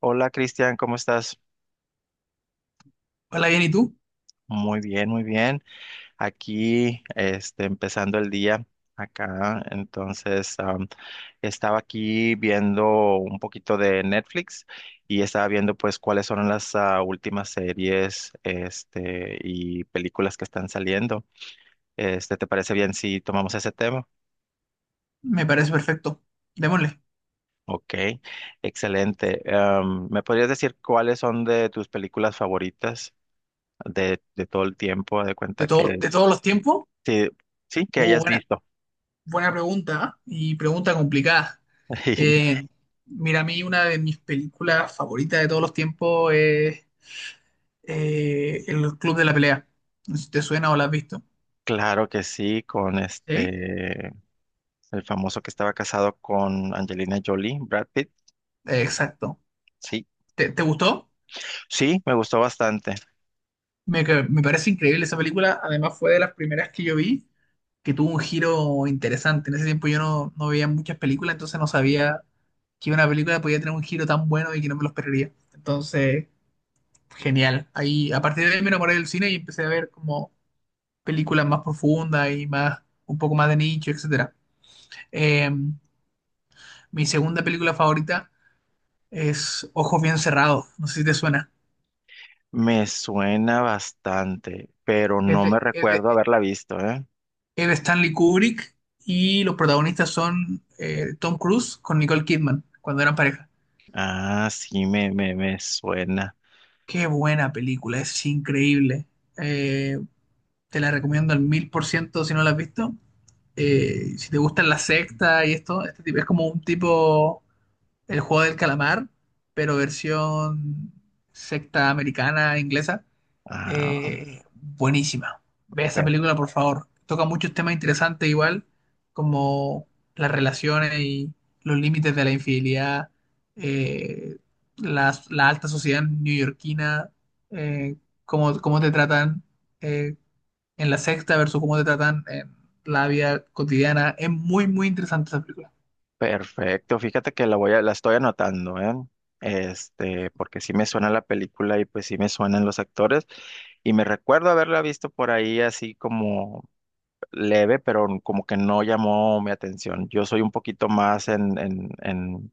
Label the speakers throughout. Speaker 1: Hola Cristian, ¿cómo estás?
Speaker 2: Hola, bien, ¿y tú?
Speaker 1: Muy bien, muy bien. Aquí, empezando el día acá. Entonces, estaba aquí viendo un poquito de Netflix y estaba viendo pues cuáles son las últimas series, y películas que están saliendo. ¿Te parece bien si tomamos ese tema?
Speaker 2: Me parece perfecto. Démosle.
Speaker 1: Ok, excelente. ¿Me podrías decir cuáles son de tus películas favoritas de todo el tiempo? De
Speaker 2: De
Speaker 1: cuenta
Speaker 2: todo,
Speaker 1: que.
Speaker 2: de todos los tiempos.
Speaker 1: Sí, sí, que
Speaker 2: Uh,
Speaker 1: hayas
Speaker 2: buena,
Speaker 1: visto.
Speaker 2: buena pregunta, ¿eh? Y pregunta complicada. Eh, Mira, a mí una de mis películas favoritas de todos los tiempos es El Club de la Pelea. No sé si te suena o la has visto.
Speaker 1: Claro que sí, con
Speaker 2: Sí.
Speaker 1: el famoso que estaba casado con Angelina Jolie, Brad Pitt.
Speaker 2: Exacto.
Speaker 1: Sí,
Speaker 2: ¿Te gustó?
Speaker 1: sí, me gustó bastante.
Speaker 2: Me parece increíble esa película. Además, fue de las primeras que yo vi que tuvo un giro interesante. En ese tiempo yo no veía muchas películas, entonces no sabía que una película podía tener un giro tan bueno y que no me lo esperaría. Entonces, genial. A partir de ahí me enamoré del cine y empecé a ver como películas más profundas y más, un poco más de nicho, etcétera. Eh, Mi segunda película favorita es Ojos bien cerrados, no sé si te suena.
Speaker 1: Me suena bastante, pero
Speaker 2: Es
Speaker 1: no me
Speaker 2: de, es
Speaker 1: recuerdo
Speaker 2: de-
Speaker 1: haberla visto, ¿eh?
Speaker 2: es de Stanley Kubrick y los protagonistas son Tom Cruise con Nicole Kidman cuando eran pareja.
Speaker 1: Sí, me suena.
Speaker 2: Qué buena película, es increíble. Eh, Te la recomiendo al mil por ciento si no la has visto. Si te gustan la secta y esto, este tipo es como un tipo el juego del calamar, pero versión secta americana, inglesa.
Speaker 1: Ah,
Speaker 2: Buenísima. Ve esa película, por favor. Toca muchos temas interesantes igual, como las relaciones y los límites de la infidelidad, eh, alta sociedad neoyorquina, eh, cómo te tratan eh, en la sexta versus cómo te tratan en la vida cotidiana. Es muy, muy interesante esa película.
Speaker 1: Perfecto, fíjate que la estoy anotando, ¿eh? Porque sí me suena la película y pues sí me suenan los actores y me recuerdo haberla visto por ahí así como leve, pero como que no llamó mi atención. Yo soy un poquito más en, en, en,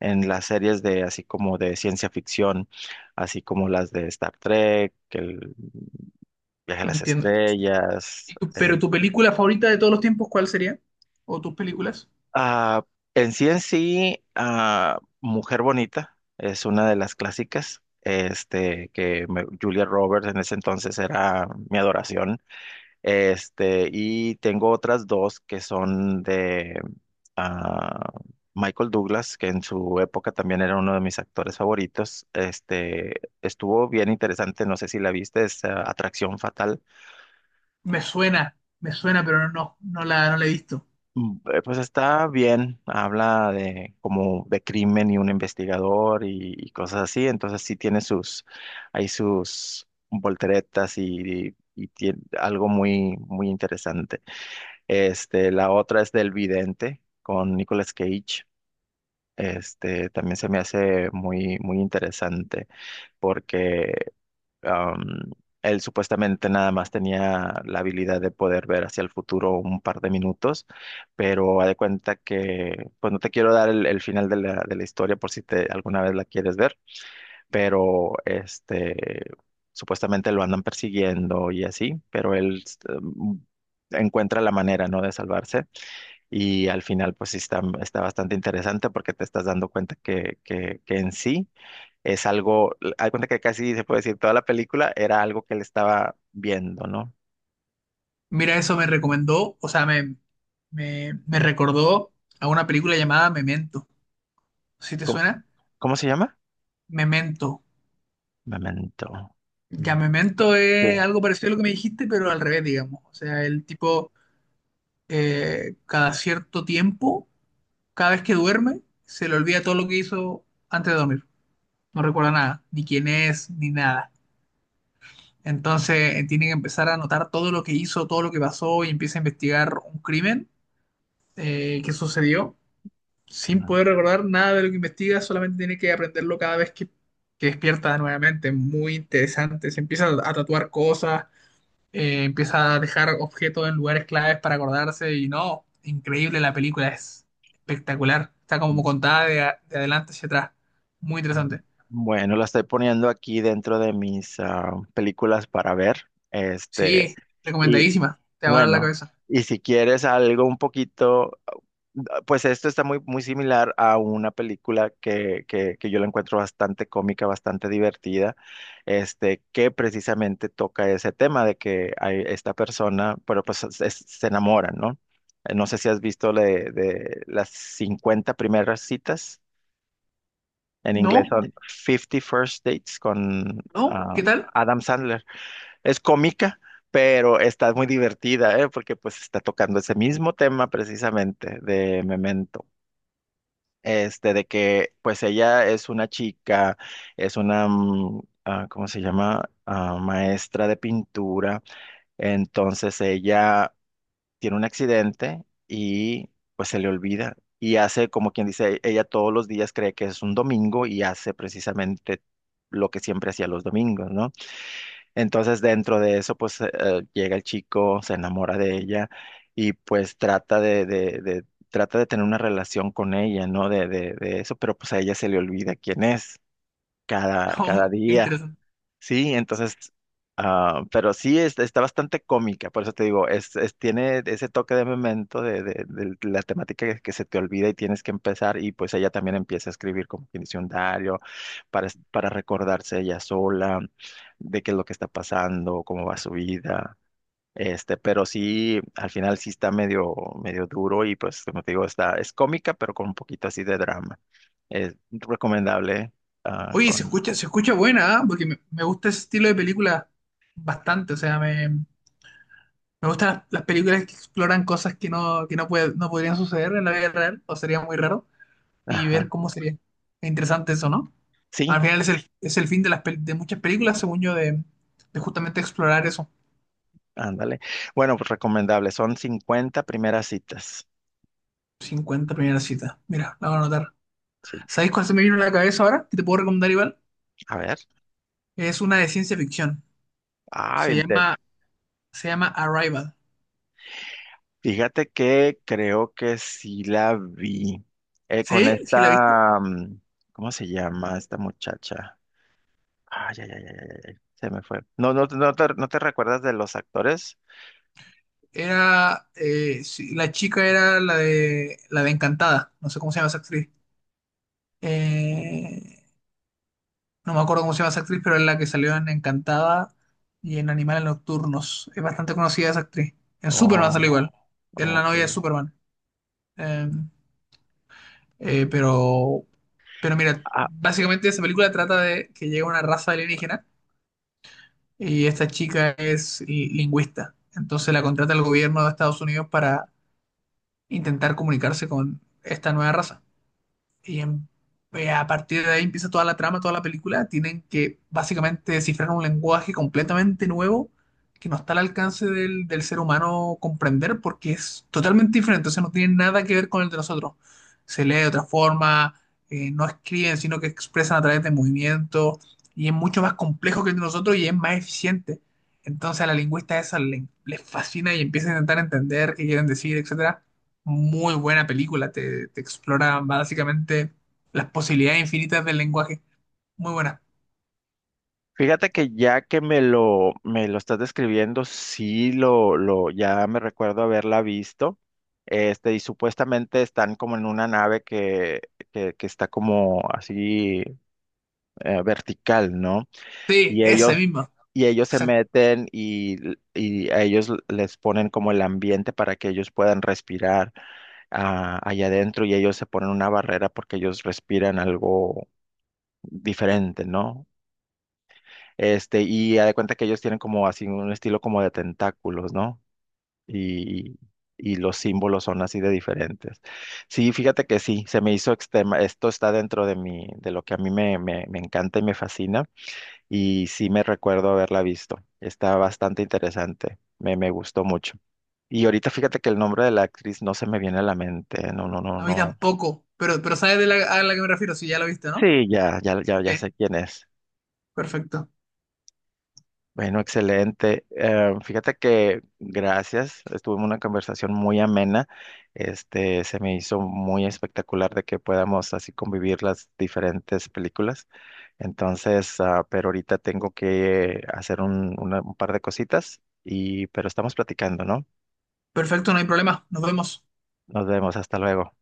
Speaker 1: en las series de así como de ciencia ficción, así como las de Star Trek, el viaje a las
Speaker 2: Entiendo.
Speaker 1: estrellas.
Speaker 2: Pero tu película favorita de todos los tiempos, ¿cuál sería? ¿O tus películas?
Speaker 1: Ah, Mujer Bonita es una de las clásicas. Julia Roberts en ese entonces era mi adoración, y tengo otras dos que son de ah, Michael Douglas, que en su época también era uno de mis actores favoritos. Estuvo bien interesante, no sé si la viste, es Atracción Fatal.
Speaker 2: Me suena, me suena, pero no, no la he visto.
Speaker 1: Pues está bien, habla de como de crimen y un investigador y cosas así, entonces sí tiene sus, hay sus volteretas tiene algo muy, muy interesante. La otra es del Vidente con Nicolas Cage. También se me hace muy, muy interesante porque Am, él supuestamente nada más tenía la habilidad de poder ver hacia el futuro un par de minutos, pero haz de cuenta que, pues no te quiero dar el final de la historia por si alguna vez la quieres ver, pero supuestamente lo andan persiguiendo y así, pero él em, encuentra la manera, ¿no? De salvarse, y al final pues sí está, está bastante interesante porque te estás dando cuenta que, que en sí es algo, hay cuenta que casi se puede decir toda la película era algo que él estaba viendo, ¿no?
Speaker 2: Mira, eso me recomendó, o sea, me recordó a una película llamada Memento. ¿Sí te
Speaker 1: ¿Cómo,
Speaker 2: suena?
Speaker 1: cómo se llama?
Speaker 2: Memento.
Speaker 1: Memento.
Speaker 2: Ya
Speaker 1: Mm.
Speaker 2: Memento
Speaker 1: Sí.
Speaker 2: es algo parecido a lo que me dijiste, pero al revés, digamos. O sea, el tipo cada cierto tiempo, cada vez que duerme, se le olvida todo lo que hizo antes de dormir. No recuerda nada, ni quién es, ni nada. Entonces tiene que empezar a anotar todo lo que hizo, todo lo que pasó y empieza a investigar un crimen que sucedió sin
Speaker 1: Mm,
Speaker 2: poder recordar nada de lo que investiga, solamente tiene que aprenderlo cada vez que despierta nuevamente. Muy interesante. Se empieza a tatuar cosas, empieza a dejar objetos en lugares claves para acordarse y no, increíble la película, es espectacular. Está como contada de adelante hacia atrás. Muy
Speaker 1: ah.
Speaker 2: interesante.
Speaker 1: Bueno, la estoy poniendo aquí dentro de mis películas para ver.
Speaker 2: Sí,
Speaker 1: Y
Speaker 2: recomendadísima. Te va a dar la
Speaker 1: bueno,
Speaker 2: cabeza.
Speaker 1: y si quieres algo un poquito. Pues esto está muy, muy similar a una película que yo la encuentro bastante cómica, bastante divertida, que precisamente toca ese tema de que hay esta persona, pero pues se enamoran, ¿no? No sé si has visto de, las 50 primeras citas, en inglés
Speaker 2: No,
Speaker 1: son Fifty First Dates con
Speaker 2: no,
Speaker 1: ah,
Speaker 2: ¿qué tal?
Speaker 1: Adam Sandler. Es cómica, pero está muy divertida, ¿eh? Porque pues está tocando ese mismo tema precisamente de Memento. De que pues ella es una chica, es una, ¿cómo se llama? Maestra de pintura. Entonces ella tiene un accidente y pues se le olvida. Y hace, como quien dice, ella todos los días cree que es un domingo y hace precisamente lo que siempre hacía los domingos, ¿no? Entonces dentro de eso pues llega el chico, se enamora de ella y pues trata de tener una relación con ella, ¿no? De eso, pero pues a ella se le olvida quién es cada,
Speaker 2: No,
Speaker 1: cada
Speaker 2: qué
Speaker 1: día.
Speaker 2: interesante.
Speaker 1: Sí, entonces, pero sí está bastante cómica, por eso te digo, tiene ese toque de Memento de la temática que se te olvida y tienes que empezar, y pues ella también empieza a escribir como que dice un diario para, para recordarse ella sola de qué es lo que está pasando, cómo va su vida. Pero sí, al final sí está medio duro, y pues como te digo, está, es cómica, pero con un poquito así de drama. Es recomendable, ah,
Speaker 2: Oye, se
Speaker 1: con,
Speaker 2: escucha, se escucha buena, ¿ah? Porque me gusta ese estilo de película bastante, o sea, me gustan las películas que exploran cosas que no podrían suceder en la vida real, o sería muy raro, y ver
Speaker 1: ajá.
Speaker 2: cómo sería. Es interesante eso, ¿no?
Speaker 1: Sí,
Speaker 2: Al final es el fin de muchas películas, según yo, de justamente explorar eso.
Speaker 1: ándale. Bueno, pues recomendable. Son 50 primeras citas.
Speaker 2: Cincuenta primeras citas. Mira, la voy a anotar.
Speaker 1: Sí.
Speaker 2: ¿Sabéis cuál se me vino a la cabeza ahora? Que te puedo recomendar igual.
Speaker 1: A ver.
Speaker 2: Es una de ciencia ficción.
Speaker 1: Ah,
Speaker 2: Se llama, se llama Arrival.
Speaker 1: fíjate que creo que sí la vi. Con
Speaker 2: ¿Sí? ¿Sí la viste?
Speaker 1: esta, ¿cómo se llama esta muchacha? Ay, ay, ay, ay, ay, ay, se me fue. No, no, no te recuerdas de los actores.
Speaker 2: Era, sí, la chica era la de Encantada. No sé cómo se llama esa actriz. Eh, No me acuerdo cómo se llama esa actriz, pero es la que salió en Encantada y en Animales Nocturnos. Es bastante conocida esa actriz. En Superman sale
Speaker 1: Oh,
Speaker 2: igual. Es la
Speaker 1: ok.
Speaker 2: novia de Superman. Eh, eh, pero, pero mira,
Speaker 1: Ah,
Speaker 2: básicamente esa película trata de que llega una raza alienígena y esta chica es lingüista. Entonces la contrata el gobierno de Estados Unidos para intentar comunicarse con esta nueva raza. Y en- a partir de ahí empieza toda la trama, toda la película. Tienen que básicamente descifrar un lenguaje completamente nuevo que no está al alcance del ser humano comprender porque es totalmente diferente. O sea, no tiene nada que ver con el de nosotros. Se lee de otra forma, no escriben, sino que expresan a través de movimientos y es mucho más complejo que el de nosotros y es más eficiente. Entonces a la lingüista esa le, les fascina y empieza a intentar entender qué quieren decir, etc. Muy buena película, te explora básicamente las posibilidades infinitas del lenguaje. Muy buena.
Speaker 1: fíjate que ya que me lo estás describiendo, sí ya me recuerdo haberla visto. Y supuestamente están como en una nave que está como así vertical, ¿no?
Speaker 2: Sí,
Speaker 1: Y
Speaker 2: esa
Speaker 1: ellos,
Speaker 2: misma.
Speaker 1: y ellos se
Speaker 2: Exacto.
Speaker 1: meten, y, a ellos les ponen como el ambiente para que ellos puedan respirar allá adentro, y ellos se ponen una barrera porque ellos respiran algo diferente, ¿no? Y haz de cuenta que ellos tienen como así un estilo como de tentáculos, ¿no? Y, y los símbolos son así de diferentes. Sí, fíjate que sí, se me hizo extrema, esto está dentro de mi, de lo que a mí me encanta y me fascina, y sí me recuerdo haberla visto. Está bastante interesante, me gustó mucho. Y ahorita fíjate que el nombre de la actriz no se me viene a la mente, no, no, no,
Speaker 2: A mí
Speaker 1: no.
Speaker 2: tampoco, pero sabes a la que me refiero, si ya la viste, ¿no?
Speaker 1: Sí, ya, ya, ya,
Speaker 2: Sí,
Speaker 1: ya sé quién es.
Speaker 2: perfecto.
Speaker 1: Bueno, excelente. Fíjate que gracias, estuvimos una conversación muy amena. Se me hizo muy espectacular de que podamos así convivir las diferentes películas. Entonces, pero ahorita tengo que hacer un par de cositas pero estamos platicando, ¿no?
Speaker 2: Perfecto, no hay problema. Nos vemos.
Speaker 1: Nos vemos, hasta luego.